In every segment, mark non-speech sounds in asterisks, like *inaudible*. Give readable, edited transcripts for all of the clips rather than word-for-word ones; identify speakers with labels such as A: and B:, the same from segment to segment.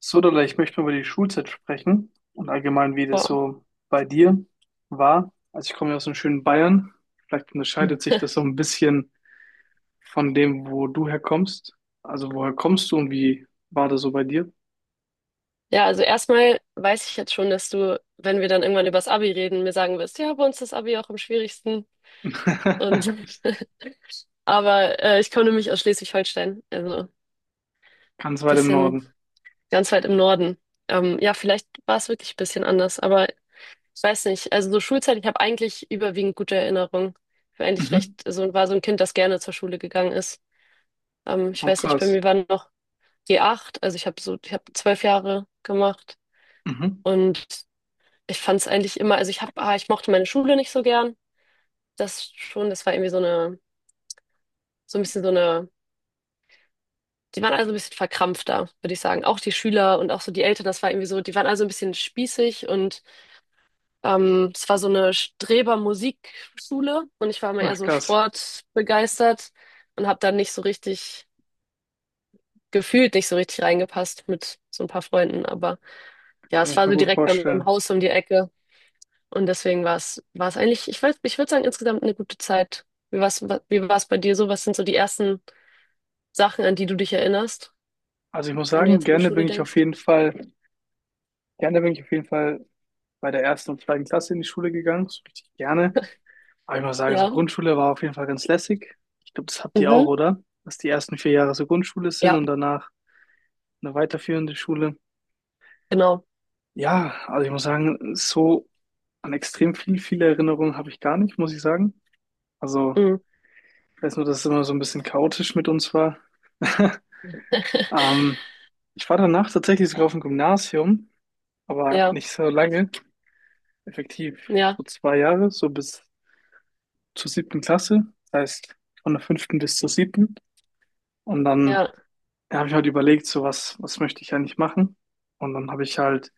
A: Sodala, ich möchte mal über die Schulzeit sprechen und allgemein, wie das
B: Boah.
A: so bei dir war. Also ich komme ja aus dem schönen Bayern. Vielleicht unterscheidet sich das so ein bisschen von dem, wo du herkommst. Also woher kommst du und wie war das so bei dir?
B: Ja, also erstmal weiß ich jetzt schon, dass du, wenn wir dann irgendwann über das Abi reden, mir sagen wirst, ja, bei uns ist das Abi auch am schwierigsten. Und
A: *laughs*
B: *laughs* aber ich komme nämlich aus Schleswig-Holstein, also
A: Ganz weit im
B: bisschen
A: Norden.
B: ganz weit im Norden. Ja, vielleicht war es wirklich ein bisschen anders, aber ich weiß nicht. Also so Schulzeit, ich habe eigentlich überwiegend gute Erinnerungen. Ich war eigentlich
A: Mhm.
B: so war so ein Kind, das gerne zur Schule gegangen ist. Ich
A: Oh,
B: weiß nicht, bei
A: krass.
B: mir war noch g acht. Also ich habe ich habe 12 Jahre gemacht.
A: Mhm.
B: Und ich fand es eigentlich immer, also ich mochte meine Schule nicht so gern. Das schon, das war irgendwie so eine, so ein bisschen so eine, die waren also ein bisschen verkrampfter, würde ich sagen. Auch die Schüler und auch so die Eltern, das war irgendwie so, die waren also ein bisschen spießig und es war so eine Streber-Musikschule und ich war immer eher
A: Ach,
B: so
A: krass.
B: sportbegeistert und habe dann nicht so richtig reingepasst mit so ein paar Freunden. Aber ja,
A: Kann
B: es
A: ich
B: war
A: mir
B: so
A: gut
B: direkt bei meinem
A: vorstellen.
B: Haus um die Ecke. Und deswegen war es eigentlich, ich weiß, ich würde sagen, insgesamt eine gute Zeit. Wie war's, wie war's bei dir so? Was sind so die ersten Sachen, an die du dich erinnerst,
A: Also ich muss
B: wenn du
A: sagen,
B: jetzt an die
A: gerne
B: Schule
A: bin ich auf
B: denkst?
A: jeden Fall, gerne bin ich auf jeden Fall bei der ersten und zweiten Klasse in die Schule gegangen. So richtig gerne. Aber ich muss sagen, so
B: Ja.
A: Grundschule war auf jeden Fall ganz lässig. Ich glaube, das habt ihr auch,
B: Mhm.
A: oder? Dass die ersten 4 Jahre so Grundschule sind
B: Ja,
A: und danach eine weiterführende Schule.
B: genau.
A: Ja, also ich muss sagen, so an extrem viele Erinnerungen habe ich gar nicht, muss ich sagen. Also
B: Mhm.
A: ich weiß nur, dass es immer so ein bisschen chaotisch mit uns war. *laughs*
B: *laughs*
A: Ähm, ich war danach tatsächlich sogar auf dem Gymnasium, aber
B: Ja,
A: nicht so lange. Effektiv
B: ja,
A: so 2 Jahre, so bis zur siebten Klasse. Das heißt von der fünften bis zur siebten. Und dann
B: ja.
A: da habe ich halt überlegt, so was, was möchte ich eigentlich machen? Und dann habe ich halt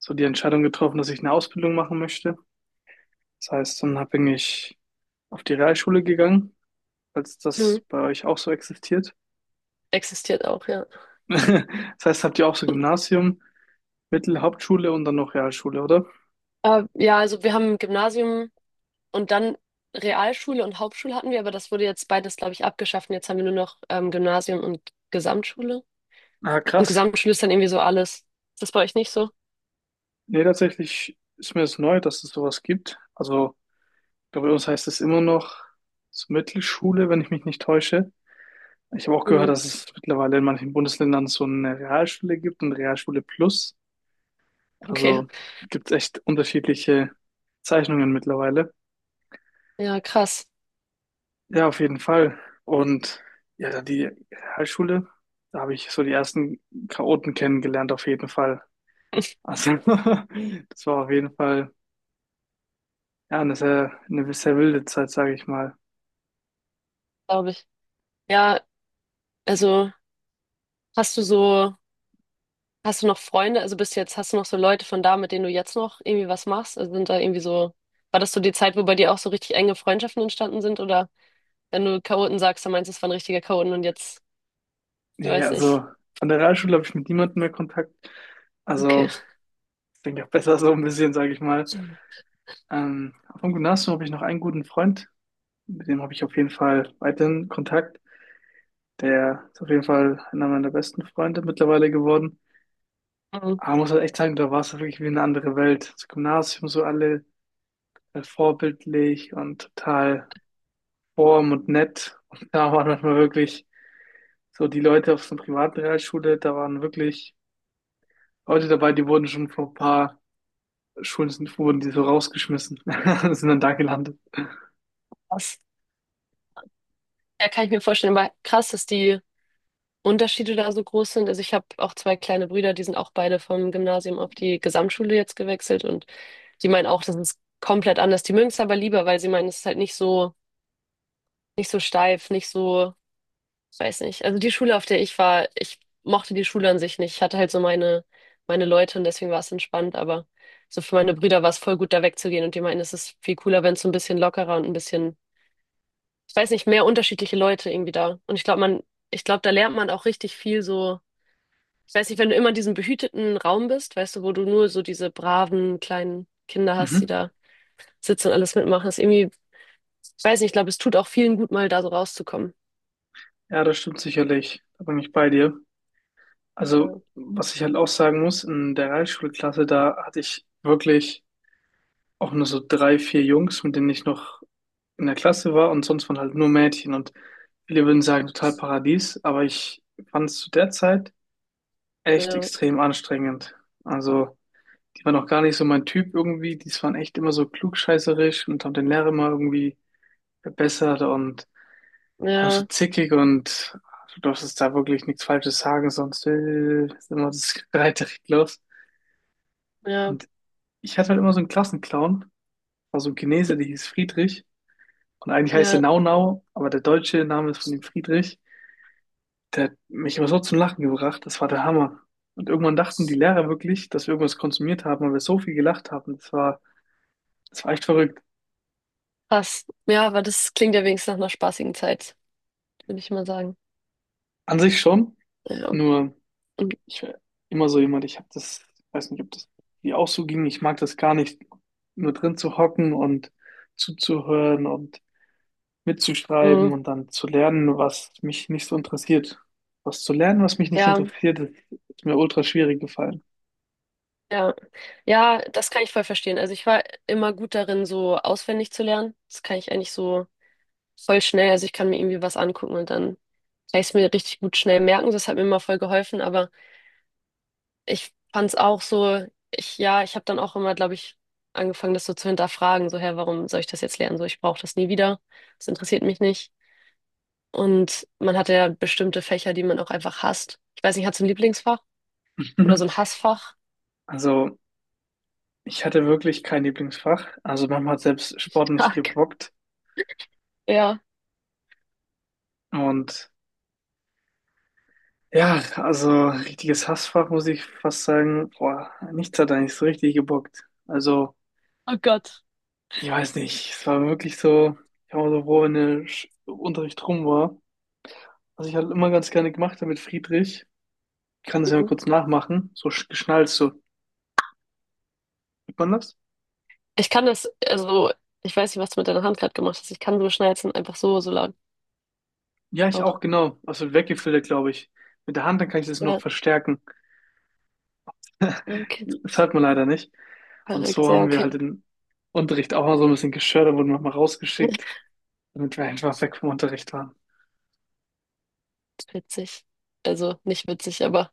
A: so die Entscheidung getroffen, dass ich eine Ausbildung machen möchte. Das heißt, dann bin ich auf die Realschule gegangen, falls das
B: Mhm.
A: bei euch auch so existiert.
B: Existiert auch, ja.
A: *laughs* Das heißt, habt ihr auch so Gymnasium, Mittel, Hauptschule und dann noch Realschule, oder?
B: Ja, also wir haben Gymnasium und dann Realschule und Hauptschule hatten wir, aber das wurde jetzt beides, glaube ich, abgeschafft. Und jetzt haben wir nur noch Gymnasium und Gesamtschule.
A: Ah,
B: Und
A: krass.
B: Gesamtschule ist dann irgendwie so alles. Ist das bei euch nicht so?
A: Nee, tatsächlich ist mir das neu, dass es sowas gibt. Also, ich glaube, bei uns heißt es immer noch so Mittelschule, wenn ich mich nicht täusche. Ich habe auch gehört,
B: Mhm.
A: dass es mittlerweile in manchen Bundesländern so eine Realschule gibt und Realschule Plus.
B: Okay.
A: Also gibt es echt unterschiedliche Zeichnungen mittlerweile.
B: Ja, krass.
A: Ja, auf jeden Fall. Und ja, dann die Realschule, da habe ich so die ersten Chaoten kennengelernt, auf jeden Fall. Also *laughs* das war auf jeden Fall ja, eine sehr wilde Zeit, sage ich mal.
B: Glaube ich. Ja, also hast du so, hast du noch Freunde, hast du noch so Leute von da, mit denen du jetzt noch irgendwie was machst? Also sind da irgendwie so, War das so die Zeit, wo bei dir auch so richtig enge Freundschaften entstanden sind? Oder wenn du Chaoten sagst, dann meinst du, es waren richtige Chaoten und jetzt, ich
A: Nee,
B: weiß
A: also
B: nicht.
A: an der Realschule habe ich mit niemandem mehr Kontakt. Also
B: Okay.
A: ich denke auch besser so ein bisschen, sage ich mal. Ähm, vom Gymnasium habe ich noch einen guten Freund, mit dem habe ich auf jeden Fall weiterhin Kontakt. Der ist auf jeden Fall einer meiner besten Freunde mittlerweile geworden.
B: Mhm.
A: Aber man muss halt echt sagen, da war es halt wirklich wie eine andere Welt. Das Gymnasium, so alle vorbildlich und total warm und nett. Und da waren manchmal wirklich so die Leute auf so einer privaten Realschule, da waren wirklich Leute dabei, die wurden schon vor ein paar Schulen sind, wurden die so rausgeschmissen *laughs* und sind dann da gelandet.
B: Krass. Ja, kann ich mir vorstellen, aber krass, dass die Unterschiede da so groß sind. Also ich habe auch zwei kleine Brüder, die sind auch beide vom Gymnasium auf die Gesamtschule jetzt gewechselt und die meinen auch, das ist komplett anders. Die mögen es aber lieber, weil sie meinen, es ist halt nicht so. Nicht so steif, nicht so, ich weiß nicht. Also die Schule, auf der ich war, ich mochte die Schule an sich nicht. Ich hatte halt so meine Leute und deswegen war es entspannt, aber so für meine Brüder war es voll gut, da wegzugehen und die meinten, es ist viel cooler, wenn es so ein bisschen lockerer und ein bisschen, ich weiß nicht, mehr unterschiedliche Leute irgendwie da. Und ich glaube, da lernt man auch richtig viel so, ich weiß nicht, wenn du immer in diesem behüteten Raum bist, weißt du, wo du nur so diese braven kleinen Kinder hast, die
A: Mhm.
B: da sitzen und alles mitmachen, ist irgendwie, ich weiß nicht, ich glaube, es tut auch vielen gut, mal da so rauszukommen.
A: Ja, das stimmt sicherlich. Da bin ich bei dir.
B: Ja,
A: Also, was ich halt auch sagen muss, in der Realschulklasse, da hatte ich wirklich auch nur so drei, vier Jungs, mit denen ich noch in der Klasse war, und sonst waren halt nur Mädchen und viele würden sagen, total Paradies, aber ich fand es zu der Zeit echt
B: ja,
A: extrem anstrengend. Also, die waren auch gar nicht so mein Typ irgendwie, die waren echt immer so klugscheißerisch und haben den Lehrer immer irgendwie verbessert und waren so
B: ja.
A: zickig und du darfst jetzt da wirklich nichts Falsches sagen, sonst ist immer das Streiterei los.
B: Ja,
A: Und ich hatte halt immer so einen Klassenclown, war so ein Chinese, der hieß Friedrich. Und eigentlich heißt er
B: ja,
A: Nau Nau, aber der deutsche Name ist von dem Friedrich. Der hat mich immer so zum Lachen gebracht, das war der Hammer. Und irgendwann dachten die Lehrer wirklich, dass wir irgendwas konsumiert haben, weil wir so viel gelacht haben. Das war echt verrückt.
B: krass. Ja, aber das klingt ja wenigstens nach einer spaßigen Zeit, würde ich mal sagen.
A: An sich schon,
B: Ja,
A: nur
B: und,
A: ich war immer so jemand, ich habe das, weiß nicht, ob das dir auch so ging, ich mag das gar nicht, nur drin zu hocken und zuzuhören und mitzuschreiben
B: mm,
A: und dann zu lernen, was mich nicht so interessiert. Was zu lernen, was mich nicht
B: ja,
A: interessiert, ist mir ultra schwierig gefallen.
B: ja. Ja, das kann ich voll verstehen. Also ich war immer gut darin, so auswendig zu lernen. Das kann ich eigentlich so voll schnell. Also ich kann mir irgendwie was angucken und dann kann ich es mir richtig gut schnell merken. Das hat mir immer voll geholfen. Aber ich fand es auch so, ja, ich habe dann auch immer, glaube ich, angefangen, das so zu hinterfragen. So, hä, warum soll ich das jetzt lernen? So, ich brauche das nie wieder. Das interessiert mich nicht. Und man hatte ja bestimmte Fächer, die man auch einfach hasst. Ich weiß nicht, hast du ein Lieblingsfach oder so ein
A: *laughs*
B: Hassfach?
A: Also, ich hatte wirklich kein Lieblingsfach. Also, manchmal hat selbst Sport nicht
B: Tag.
A: gebockt.
B: Ja.
A: Und ja, also richtiges Hassfach, muss ich fast sagen. Boah, nichts hat eigentlich so richtig gebockt. Also,
B: Oh Gott.
A: ich weiß nicht. Es war wirklich so, ich war so froh, wenn der Unterricht rum war. Was ich halt immer ganz gerne gemacht habe mit Friedrich. Ich kann das ja mal
B: Mhm.
A: kurz nachmachen. So geschnallt, so. Sieht man das?
B: Ich kann das, also, ich weiß nicht, was du mit deiner Hand gerade gemacht hast. Ich kann so schnalzen, einfach so, so lang.
A: Ja, ich
B: Auch.
A: auch, genau. Also weggefiltert, glaube ich. Mit der Hand, dann kann ich das noch
B: Ja.
A: verstärken.
B: Ah, okay.
A: Das hat man leider nicht. Und
B: Verrückt,
A: so
B: ja,
A: haben wir halt
B: okay.
A: den Unterricht auch mal so ein bisschen gestört, da wurden wir mal rausgeschickt,
B: *laughs*
A: damit wir einfach weg vom Unterricht waren.
B: Witzig. Also, nicht witzig, aber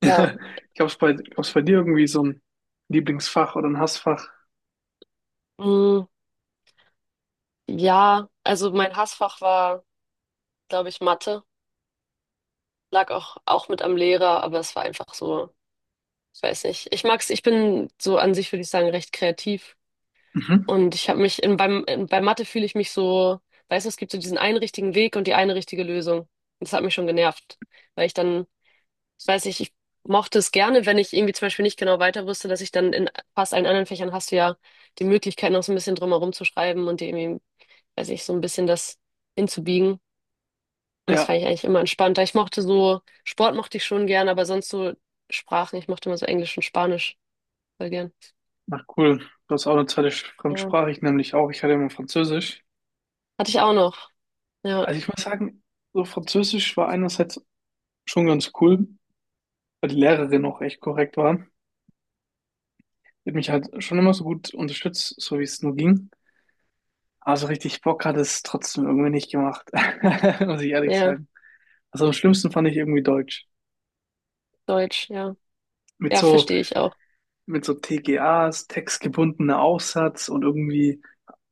B: ja.
A: *laughs* Gab's bei dir irgendwie so ein Lieblingsfach oder ein Hassfach?
B: Mm, ja, also mein Hassfach war, glaube ich, Mathe. Lag auch mit am Lehrer, aber es war einfach so. Ich weiß nicht. Ich mag's, ich bin so an sich, würde ich sagen, recht kreativ.
A: Mhm.
B: Und ich habe mich bei Mathe fühle ich mich so, weißt du, es gibt so diesen einen richtigen Weg und die eine richtige Lösung. Das hat mich schon genervt. Weil ich dann, ich weiß nicht, ich mochte es gerne, wenn ich irgendwie zum Beispiel nicht genau weiter wusste, dass ich dann in fast allen anderen Fächern hast du ja die Möglichkeit, noch so ein bisschen drumherum zu schreiben und dir irgendwie, weiß ich, so ein bisschen das hinzubiegen. Und das
A: Ja,
B: fand ich eigentlich immer entspannter. Ich mochte so, Sport mochte ich schon gern, aber sonst so Sprachen, ich mochte immer so Englisch und Spanisch voll gern.
A: na cool. Du hast auch eine zweite
B: Ja.
A: Fremdsprache, ich nämlich auch. Ich hatte immer Französisch.
B: Hatte ich auch noch. Ja,
A: Also ich muss sagen, so Französisch war einerseits schon ganz cool, weil die Lehrerin auch echt korrekt war. Die hat mich halt schon immer so gut unterstützt, so wie es nur ging. Aber so richtig Bock hat es trotzdem irgendwie nicht gemacht, *laughs* muss ich ehrlich
B: ja,
A: sagen. Also am schlimmsten fand ich irgendwie Deutsch.
B: Deutsch, ja.
A: Mit
B: Ja,
A: so,
B: verstehe ich auch.
A: mit so TGAs, textgebundener Aufsatz und irgendwie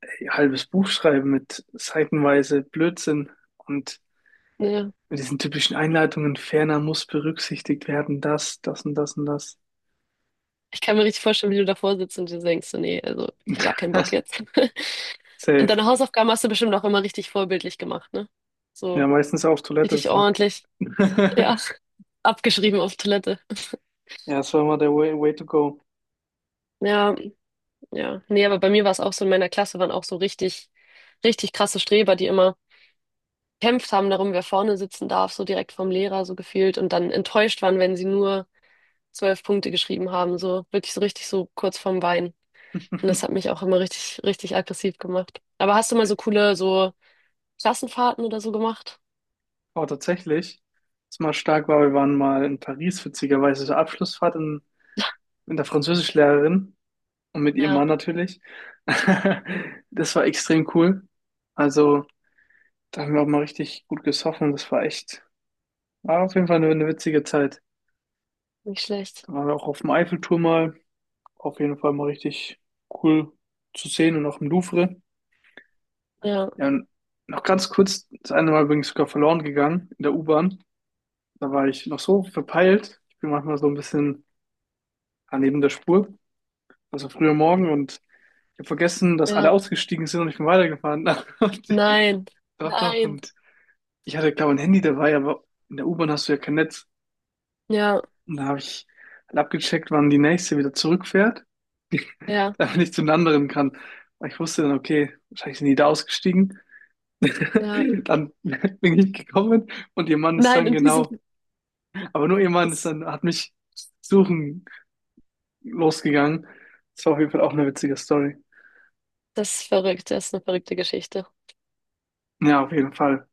A: ein halbes Buch schreiben mit seitenweise Blödsinn und
B: Ja.
A: mit diesen typischen Einleitungen, ferner muss berücksichtigt werden, das, das und das und das.
B: Ich kann mir richtig vorstellen, wie du davor sitzt und dir denkst, so, nee, also ich gar keinen Bock
A: *laughs*
B: jetzt. *laughs* Und
A: Safe.
B: deine Hausaufgaben hast du bestimmt auch immer richtig vorbildlich gemacht, ne?
A: Ja,
B: So
A: meistens auf Toilette
B: richtig
A: ist noch. *laughs*
B: ordentlich, ja, *laughs* abgeschrieben auf Toilette.
A: Ja, das war immer der way, way to go.
B: Ja, ja. Nee, aber bei mir war es auch so, in meiner Klasse waren auch so richtig, richtig krasse Streber, die immer gekämpft haben darum, wer vorne sitzen darf, so direkt vom Lehrer so gefühlt und dann enttäuscht waren, wenn sie nur 12 Punkte geschrieben haben, so wirklich so richtig so kurz vorm Weinen. Und das hat mich auch immer richtig, richtig aggressiv gemacht. Aber hast du mal so coole, so Klassenfahrten oder so gemacht?
A: Oh, tatsächlich. Was mal stark war, wir waren mal in Paris, witzigerweise zur Abschlussfahrt mit der Französischlehrerin und mit ihrem
B: Ja,
A: Mann natürlich. *laughs* Das war extrem cool. Also, da haben wir auch mal richtig gut gesoffen. Das war echt, war auf jeden Fall eine witzige Zeit.
B: nicht schlecht.
A: Da waren wir auch auf dem Eiffelturm mal. Auf jeden Fall mal richtig cool zu sehen und auch im Louvre.
B: Ja,
A: Ja, und noch ganz kurz, das eine Mal übrigens sogar verloren gegangen in der U-Bahn. Da war ich noch so verpeilt. Ich bin manchmal so ein bisschen war neben der Spur. Also früher Morgen und ich habe vergessen, dass alle
B: ja.
A: ausgestiegen sind und ich bin weitergefahren. *laughs* Und,
B: Nein,
A: doch, doch.
B: nein.
A: Und ich hatte, glaube ich, ein Handy dabei, aber in der U-Bahn hast du ja kein Netz.
B: Ja,
A: Und da habe ich halt abgecheckt, wann die nächste wieder zurückfährt,
B: ja,
A: *laughs* damit ich zu den anderen kann. Aber ich wusste dann, okay, wahrscheinlich sind die da ausgestiegen.
B: ja.
A: *laughs* Dann bin ich gekommen und ihr Mann ist
B: Nein,
A: dann
B: und die sind,
A: genau, aber nur ihr Mann ist
B: das,
A: dann, hat mich suchen losgegangen. Das war auf jeden Fall auch eine witzige Story.
B: das ist verrückt, das ist eine verrückte Geschichte.
A: Ja, auf jeden Fall.